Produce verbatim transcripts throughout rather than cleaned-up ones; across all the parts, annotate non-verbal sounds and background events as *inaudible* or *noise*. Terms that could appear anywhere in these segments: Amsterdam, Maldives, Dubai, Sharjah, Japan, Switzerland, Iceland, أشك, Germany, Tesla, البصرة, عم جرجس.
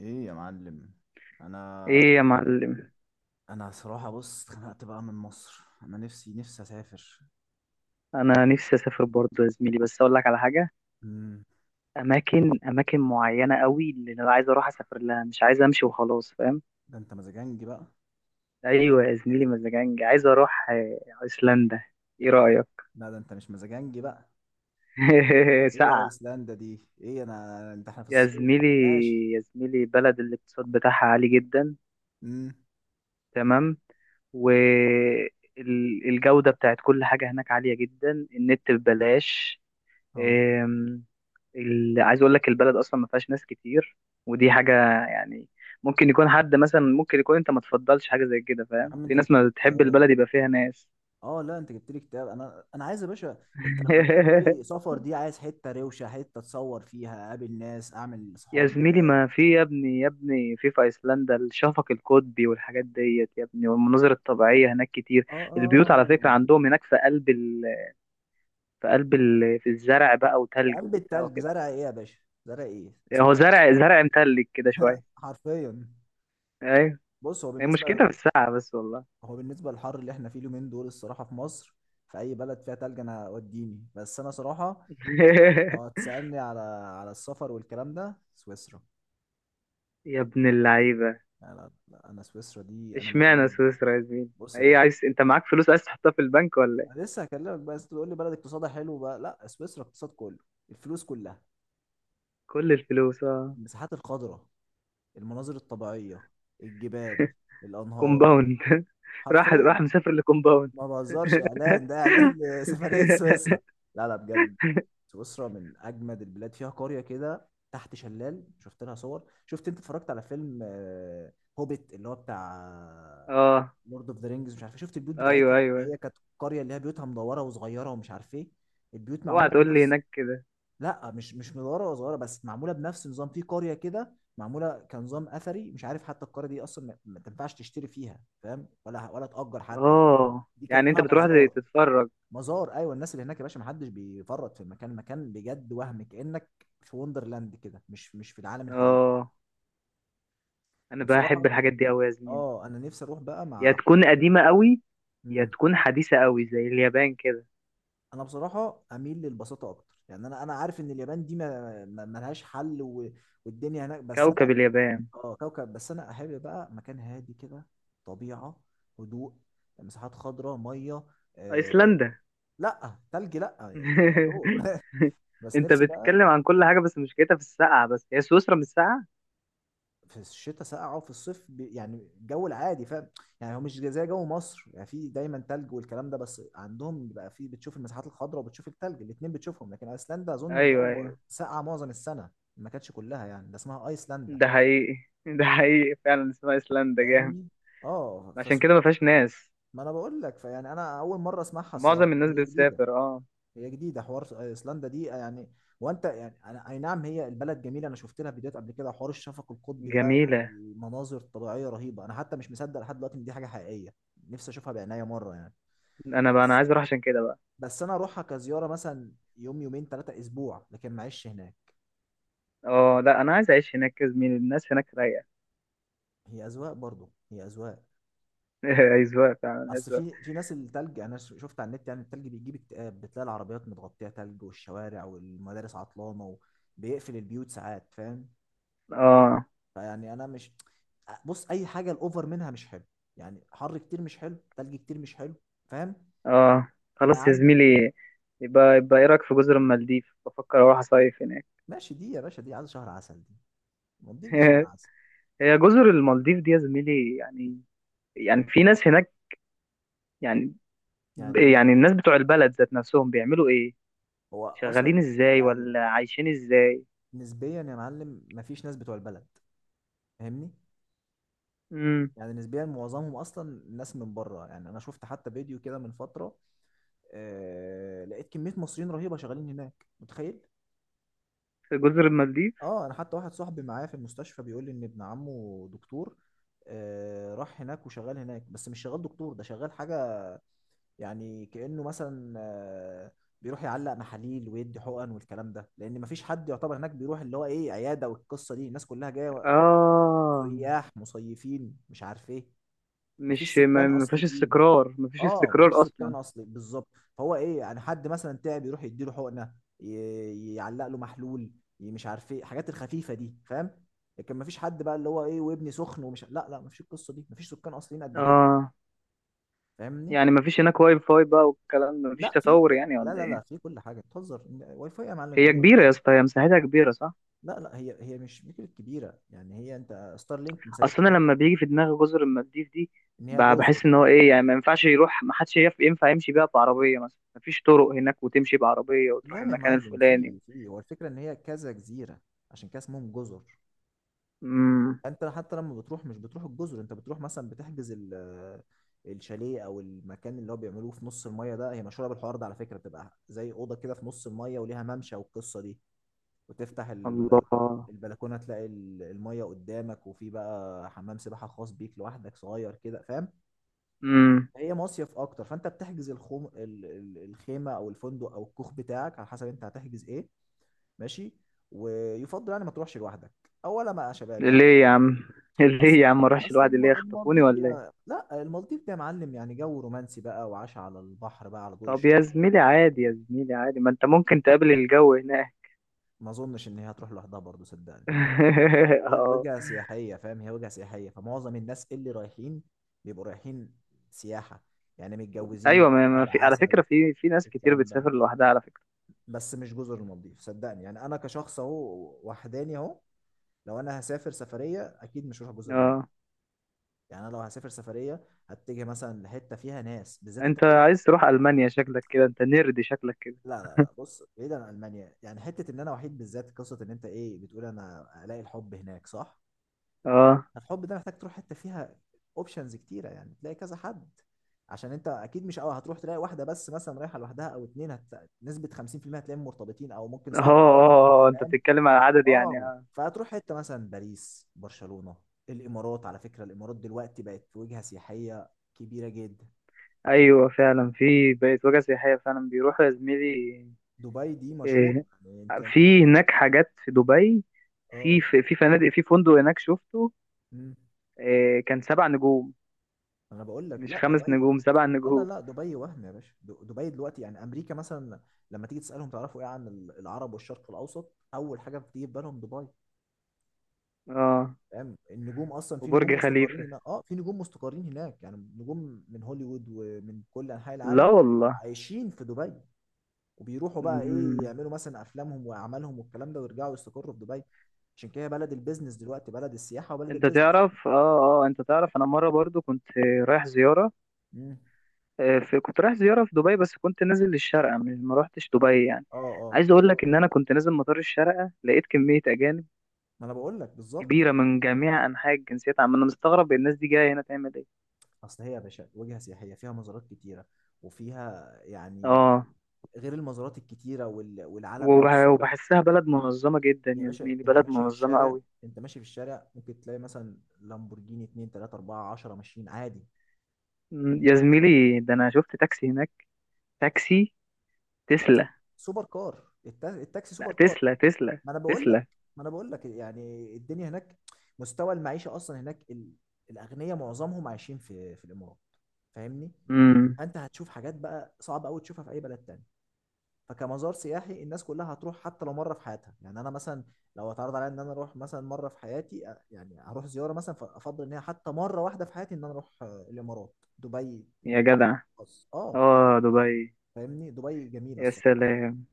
ايه يا معلم. انا ايه يا معلم. انا صراحة، بص، اتخنقت بقى من مصر. انا نفسي نفسي اسافر. انا نفسي اسافر برضه يا زميلي، بس اقول لك على حاجه. امم. اماكن اماكن معينه قوي اللي انا عايز اروح اسافر لها، مش عايز امشي وخلاص، فاهم؟ ده انت مزاجنجي بقى؟ ايوه يا آه. زميلي، مزاجنج. عايز اروح آه، ايسلندا. ايه رايك؟ لا، ده انت مش مزاجنجي بقى. *laughs* ايه يا ساقعه. ايسلندا دي؟ ايه انا انت احنا في يا الصيف؟ زميلي، ماشي. يا زميلي بلد الاقتصاد بتاعها عالي جدا. امم. تمام. والجودة بتاعت كل حاجة هناك عالية جدا، النت ببلاش. اه، آم، ال- عايز اقول لك البلد اصلا ما فيهاش ناس كتير، ودي حاجه يعني. ممكن يكون حد مثلا، ممكن يكون انت ما تفضلش حاجه زي كده، يا فاهم؟ عم في انت ناس جبت ما لي بتحب اكتئاب. البلد يبقى فيها ناس. اه، لا، انت جبت لي اكتئاب. انا انا عايز يا باشا. انت لما بيجي في بالي *laughs* سفر دي، عايز حتة روشة، حتة اتصور فيها، اقابل ناس، اعمل يا صحاب زميلي جداد. ما في، يا ابني يا ابني، في في ايسلندا الشفق القطبي والحاجات ديت يا ابني، والمناظر الطبيعيه هناك كتير. اه، البيوت على فكره اه. عندهم هناك في قلب ال... في قلب ال... في الزرع بقى في وتلج قلب وبتاع التلج وكده. زرع ايه يا باشا؟ زرع ايه هو اسمها زرع ايسلندا؟ زرع متلج كده *laughs* شويه. حرفيا. ايوه. بص، هو هي بالنسبه مشكلتها في الساعه بس والله. هو بالنسبه للحر اللي احنا فيه اليومين دول الصراحه في مصر، في اي بلد فيها تلج انا وديني، بس انا صراحه يعني. لو *laughs* هتسالني على على السفر والكلام ده، سويسرا. يا ابن اللعيبة. يعني لا- لا، انا سويسرا دي انا اشمعنى مجنون. سويسرا يا زميلي؟ بص يا ايه، باشا. عايز انت معاك فلوس عايز تحطها في البنك ولا انا ايه؟ لسه هكلمك بقى، انت تقول لي بلد اقتصادها حلو بقى؟ لا، سويسرا اقتصاد كله. الفلوس كلها. كل الفلوس اه. المساحات الخضراء. المناظر الطبيعيه. الجبال. الانهار. كومباوند. *laughs* راح حرفيا. راح مسافر لكومباوند. ما بهزرش، اعلان *laughs* ده، اعلان. *laughs* سفريه سويسرا. لا، لا، بجد. سويسرا من اجمد البلاد. فيها قريه كده تحت شلال، شفت لها صور. شفت انت اتفرجت على فيلم آه، هوبيت، اللي هو بتاع اه، لورد اوف ذا رينجز، مش عارف إيه. شفت البيوت ايوه بتاعتهم اللي ايوه. هي كانت قريه، اللي هي بيوتها مدوره وصغيره ومش عارف ايه. البيوت اوعى معموله تقول لي بنفس. هناك كده. لا، مش مش مدوره وصغيره، بس معموله بنفس نظام. في قريه كده معموله كنظام اثري، مش عارف حتى. القريه دي اصلا ما ما تنفعش تشتري فيها، فاهم، ولا ولا تأجر حتى. اه دي يعني انت كأنها بتروح مزار. تتفرج. مزار، ايوه. الناس اللي هناك يا باشا ما حدش بيفرط في المكان. مكان بجد، وهم كانك في وندرلاند كده، مش مش في العالم الحقيقي. اه انا بحب وبصراحه، الحاجات دي قوي يا زميلي. اه، انا نفسي اروح بقى يا مع حب. تكون قديمة قوي، يا مم. تكون حديثة قوي زي اليابان كده. انا بصراحه اميل للبساطه اكتر. يعني انا انا عارف ان اليابان دي ما ما- ما لهاش حل و... والدنيا هناك، بس كوكب انا. اليابان. اه، كوكب. بس انا احب بقى مكان هادي كده. طبيعه. هدوء. مساحات خضراء، ميه. آه... ايسلندا. لا تلج لا. يا برو. *laughs* *laughs* بس انت نفسي بقى. بتتكلم عن كل حاجة، بس مشكلتها في السقعة بس، هي سويسرا مش ساقعة. في الشتاء ساقعه، وفي الصيف بي- يعني الجو العادي، فاهم. يعني هو مش زي جو مصر يعني، في دايما تلج والكلام ده، بس عندهم بيبقى في، بتشوف المساحات الخضراء وبتشوف التلج، الاتنين بتشوفهم. لكن ايسلندا اظن ايوه الجو ايوه. ساقعه معظم السنه، ما كانتش كلها يعني، ده اسمها ايسلندا. ده حقيقي. *laughs* ده حقيقي فعلا اسمها ايسلندا، جامد. فاهمني. اه، عشان فسو... كده ما فيهاش ناس. ما انا بقول لك. فيعني انا اول مره اسمعها الصراحه، معظم الناس هي جديده. بتسافر اه. هي جديده حوار س- ايسلندا دي آه، يعني وانت يعني، أنا اي نعم هي البلد جميله. انا شفت لها فيديوهات قبل كده حوار الشفق القطبي ده، جميلة. يعني مناظر طبيعيه رهيبه. انا حتى مش مصدق لحد دلوقتي ان دي حاجه حقيقيه. نفسي اشوفها بعناية مره يعني. انا بقى، انا بس عايز اروح عشان كده بقى. بس انا اروحها كزياره مثلا، يوم يومين ثلاثه اسبوع، لكن معيش هناك. اه لا، انا عايز اعيش هناك يا زميلي، الناس هناك رايقة. هي اذواق برضو، هي اذواق. *laughs* ايزواق فعلا اصل ايزواق. في في ناس التلج انا ش- شفت على النت، يعني التلج بيجيب اكتئاب، بتلاقي العربيات متغطيه تلج والشوارع والمدارس عطلانه، وبيقفل البيوت ساعات، فاهم. اه فيعني انا مش، بص، اي حاجه الاوفر منها مش حلو. يعني حر كتير مش حلو، تلج كتير مش حلو. فاهم. اه. يبقى خلاص يا عندك. زميلي. يبقى يبقى ايه رايك في جزر المالديف؟ بفكر اروح اصيف هناك. ماشي، دي يا باشا دي عايز شهر عسل دي. المالديف دي شهر *laughs* عسل. هي جزر المالديف دي يا زميلي، يعني، يعني في ناس هناك؟ يعني، يعني ايه؟ يعني الناس بتوع البلد ذات نفسهم بيعملوا ايه؟ هو شغالين اصلا ازاي يعني، ولا عايشين ازاي؟ نسبيا يا معلم مفيش ناس بتوع البلد، فاهمني. امم. يعني نسبيا معظمهم اصلا ناس من بره. يعني انا شفت حتى فيديو كده من فتره، آه لقيت كميه مصريين رهيبه شغالين هناك، متخيل؟ في جزر المالديف. اه، انا حتى واحد صاحبي معايا في المستشفى بيقول لي ان ابن عمه دكتور، آه راح هناك وشغال هناك، بس مش شغال دكتور، ده شغال حاجة يعني. كأنه مثلا آه بيروح يعلق محاليل ويدي حقن والكلام ده، لان مفيش حد يعتبر هناك بيروح اللي هو ايه عيادة، والقصة دي الناس كلها جاية اه، سياح، مصيفين، مش عارف ايه. مفيش مش ما سكان ما فيش اصليين. استقرار، ما فيش اه، مفيش استقرار سكان اصلا. اصلي بالظبط. فهو ايه يعني، حد مثلا تعب يروح يديله حقنه، ي- يعلق له محلول، ي- مش عارف ايه الحاجات الخفيفه دي، فاهم. لكن مفيش حد بقى اللي هو ايه وابني سخن ومش، لا، لا، مفيش القصه دي، مفيش سكان اصليين قد كده، اه، فاهمني. يعني ما فيش هناك واي فاي بقى والكلام ده؟ ما فيش لا في تطور كل يعني لا، ولا لا، ايه؟ لا، في كل حاجه، بتهزر واي فاي يا معلم، انت ما هي كبيرة يا شفتش؟ اسطى، هي مساحتها كبيرة صح؟ لا، لا، هي هي مش فكره كبيره يعني، هي انت ستار لينك ما سابتش اصلا حته. لما بيجي في دماغي جزر المالديف دي، ان هي ب- جزر. بحس ان هو ايه يعني، ما ينفعش يروح، ما حدش يف- ينفع يمشي بيها بعربية مثلا، ما فيش طرق هناك وتمشي بعربية وتروح لا يا المكان معلم، في الفلاني. في هو الفكره ان هي كذا جزيره، عشان كده اسمهم جزر. امم. انت حتى لما بتروح، مش بتروح الجزر، انت بتروح مثلا بتحجز ال- آه، الشاليه او المكان اللي هو بيعملوه في نص الميه ده. هي مشهوره بالحوار ده على فكره، بتبقى زي اوضه كده في نص الميه وليها ممشى والقصه دي، وتفتح البلا- الله. البلكونه تلاقي ال- الميه قدامك، وفي بقى حمام سباحه خاص بيك لوحدك صغير كده، فاهم. امم. هي مصيف اكتر، فانت بتحجز الخوم ال- ال- الخيمه او الفندق او الكوخ بتاعك على حسب انت هتحجز ايه. ماشي. ويفضل يعني ما تروحش لوحدك، اولا ما يا شباب يعني. ليه يا عم؟ *laughs* ليه اصل يا عم ما اروحش اصل لوحدي؟ ليه الم- يخطفوني المالديف دي، ولا ايه؟ لا، المالديف دي يا معلم يعني جو رومانسي بقى، وعاش على البحر بقى، على ضوء طب يا الشموع. زميلي عادي، يا زميلي عادي ما انت ممكن تقابل الجو هناك. ما اظنش ان هي هتروح لوحدها برضه، صدقني. *laughs* هي اه. وجهه سياحيه، فاهم؟ هي وجهه سياحيه، فمعظم الناس اللي رايحين بيبقوا رايحين سياحه، يعني ايوه، متجوزين ما ما شهر في على فكره، عسل، في في ناس كتير الكلام ده. بتسافر لوحدها على فكره. بس مش جزر المالديف صدقني، يعني انا كشخص اهو وحداني اهو، لو انا هسافر سفريه اكيد مش هروح جزر المالديف. اه يعني انا لو هسافر سفريه هتجي مثلا لحته فيها ناس، بالذات انت انت بتقول، عايز تروح المانيا شكلك كده، انت نيرد شكلك كده. لا، لا، لا، بص بعيدا عن المانيا يعني، حته ان انا وحيد بالذات، قصه ان انت ايه بتقول انا الاقي الحب هناك، صح؟ اه الحب ده محتاج تروح حته فيها اوبشنز كتيره، يعني تلاقي كذا حد. عشان انت اكيد مش أول هتروح تلاقي واحده بس مثلا رايحه لوحدها، او اتنين، هت... نسبه خمسين في المية هتلاقيهم مرتبطين، او ممكن اه اه صعب انك ت- آه، آه. انت فاهم بتتكلم على عدد يعني اه، اه. فهتروح حته مثلا باريس، برشلونه. الامارات على فكره، الامارات دلوقتي بقت وجهه سياحيه كبيره جدا. ايوه فعلا، في بقت وجهه سياحيه فعلا، بيروحوا يا زميلي. دبي دي مشهور إيه، يعني، انت. في هناك حاجات في دبي. في اه في في فنادق، في فندق هناك شفته مم. آه، كان سبع نجوم. انا بقول لك، مش لا، خمس دبي، نجوم سبع لا، لا، نجوم لا، دبي وهم يا باشا. د- دبي دلوقتي يعني امريكا مثلا، لما تيجي تسالهم تعرفوا ايه عن ال- العرب والشرق الاوسط، اول حاجه بتيجي في بالهم دبي، اه، فاهم. النجوم اصلا، في وبرج نجوم مستقرين خليفة. هناك، اه، في نجوم مستقرين هناك يعني، نجوم من هوليوود ومن كل انحاء لا العالم والله. عايشين في دبي، وبيروحوا بقى مم. ايه يعملوا مثلا افلامهم واعمالهم والكلام ده، ويرجعوا يستقروا في دبي. عشان كده هي بلد البيزنس دلوقتي، بلد السياحه وبلد انت البيزنس. تعرف اه. اه انت تعرف، انا مرة برضو كنت رايح زيارة. امم. آه، في كنت رايح زيارة في دبي، بس كنت نازل للشارقة، مش ما روحتش دبي يعني. اه، اه. عايز اقول لك ان انا كنت نازل مطار الشارقة، لقيت كمية اجانب ما انا بقول لك بالظبط. كبيرة من جميع انحاء الجنسيات. عم انا مستغرب الناس دي جاية هنا تعمل ايه. اصل هي يا باشا وجهه سياحيه فيها مزارات كتيره، وفيها يعني، اه، غير المزارات الكتيره وال- والعلم وبح- بص وبحسها بلد منظمة جدا يا يا باشا، زميلي، انت بلد ماشي في منظمة الشارع. قوي. انت ماشي في الشارع ممكن تلاقي مثلا لامبورجيني اتنين تلاتة اربعة عشرة ماشيين عادي. مم، يا زميلي ده أنا شفت تاكسي هناك. تاكسي التاكسي تسلا. سوبر كار، التا- التاكسي لا سوبر كار. تسلا، تسلا، ما انا بقول لك، تسلا. ما انا بقول لك يعني. الدنيا هناك، مستوى المعيشه اصلا هناك، ال- الاغنياء معظمهم عايشين في في الامارات، فاهمني. امم. انت هتشوف حاجات بقى صعب قوي تشوفها في اي بلد تاني. فكمزار سياحي الناس كلها هتروح حتى لو مره في حياتها. يعني انا مثلا لو اتعرض عليا ان انا اروح مثلا مره في حياتي أ- يعني هروح زياره مثلا، فافضل ان هي حتى مره واحده في حياتي ان انا اروح آه، الامارات دبي، يا جدع. بس اه. اه دبي. فاهمني، دبي جميله يا الصراحه. سلام.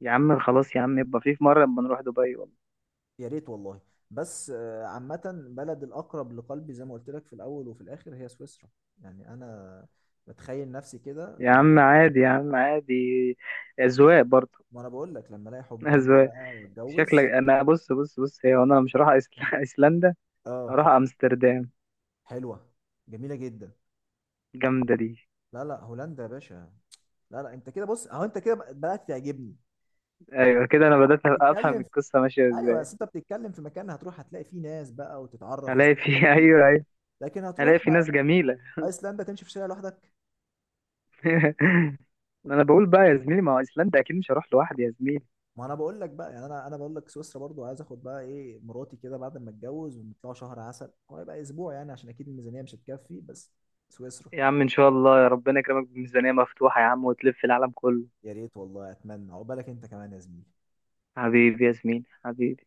يا عم خلاص يا عم، يبقى في، في مرة لما نروح دبي والله. يا ريت والله. بس آه، عامه بلد الاقرب لقلبي زي ما قلت لك في الاول وفي الاخر هي سويسرا. يعني انا بتخيل نفسي كده يا لما، عم عادي يا عم عادي، أذواق برضه. ما انا بقول لك، لما الاقي *laughs* حب عمري أذواق. بقى شكلك واتجوز. أنا، بص بص بص، هي أنا مش رايح أيسل- أيسلندا. اه. هروح أمستردام. حلوه، جميله جدا. جامدة دي. لا، لا، هولندا يا باشا. لا، لا، انت كده بص اهو، انت كده بدأت تعجبني. أيوة كده، أنا بدأت أفهم بتتكلم في... القصة ماشية ايوه إزاي. بس انت بتتكلم في مكان هتروح هتلاقي فيه ناس بقى وتتعرف هلاقي في وثقافه *laughs* جديده. ايوه. لكن هلاقي هتروح في ناس جميلة. ايسلندا تمشي في شارع لوحدك. *laughs* انا بقول بقى يا زميلي، ما هو ايسلندا اكيد مش هروح لوحدي يا زميلي. ما انا بقول لك بقى، يعني انا انا بقول لك سويسرا برضو، عايز اخد بقى ايه مراتي كده بعد ما اتجوز ونطلع شهر عسل، هو يبقى اسبوع يعني عشان اكيد الميزانيه مش هتكفي، بس سويسرا. يا عم ان شاء الله، يا ربنا يكرمك بميزانية مفتوحة يا عم وتلف العالم كله. يا ريت والله، اتمنى عقبالك انت كمان يا زميلي. حبيبي يا زميلي حبيبي.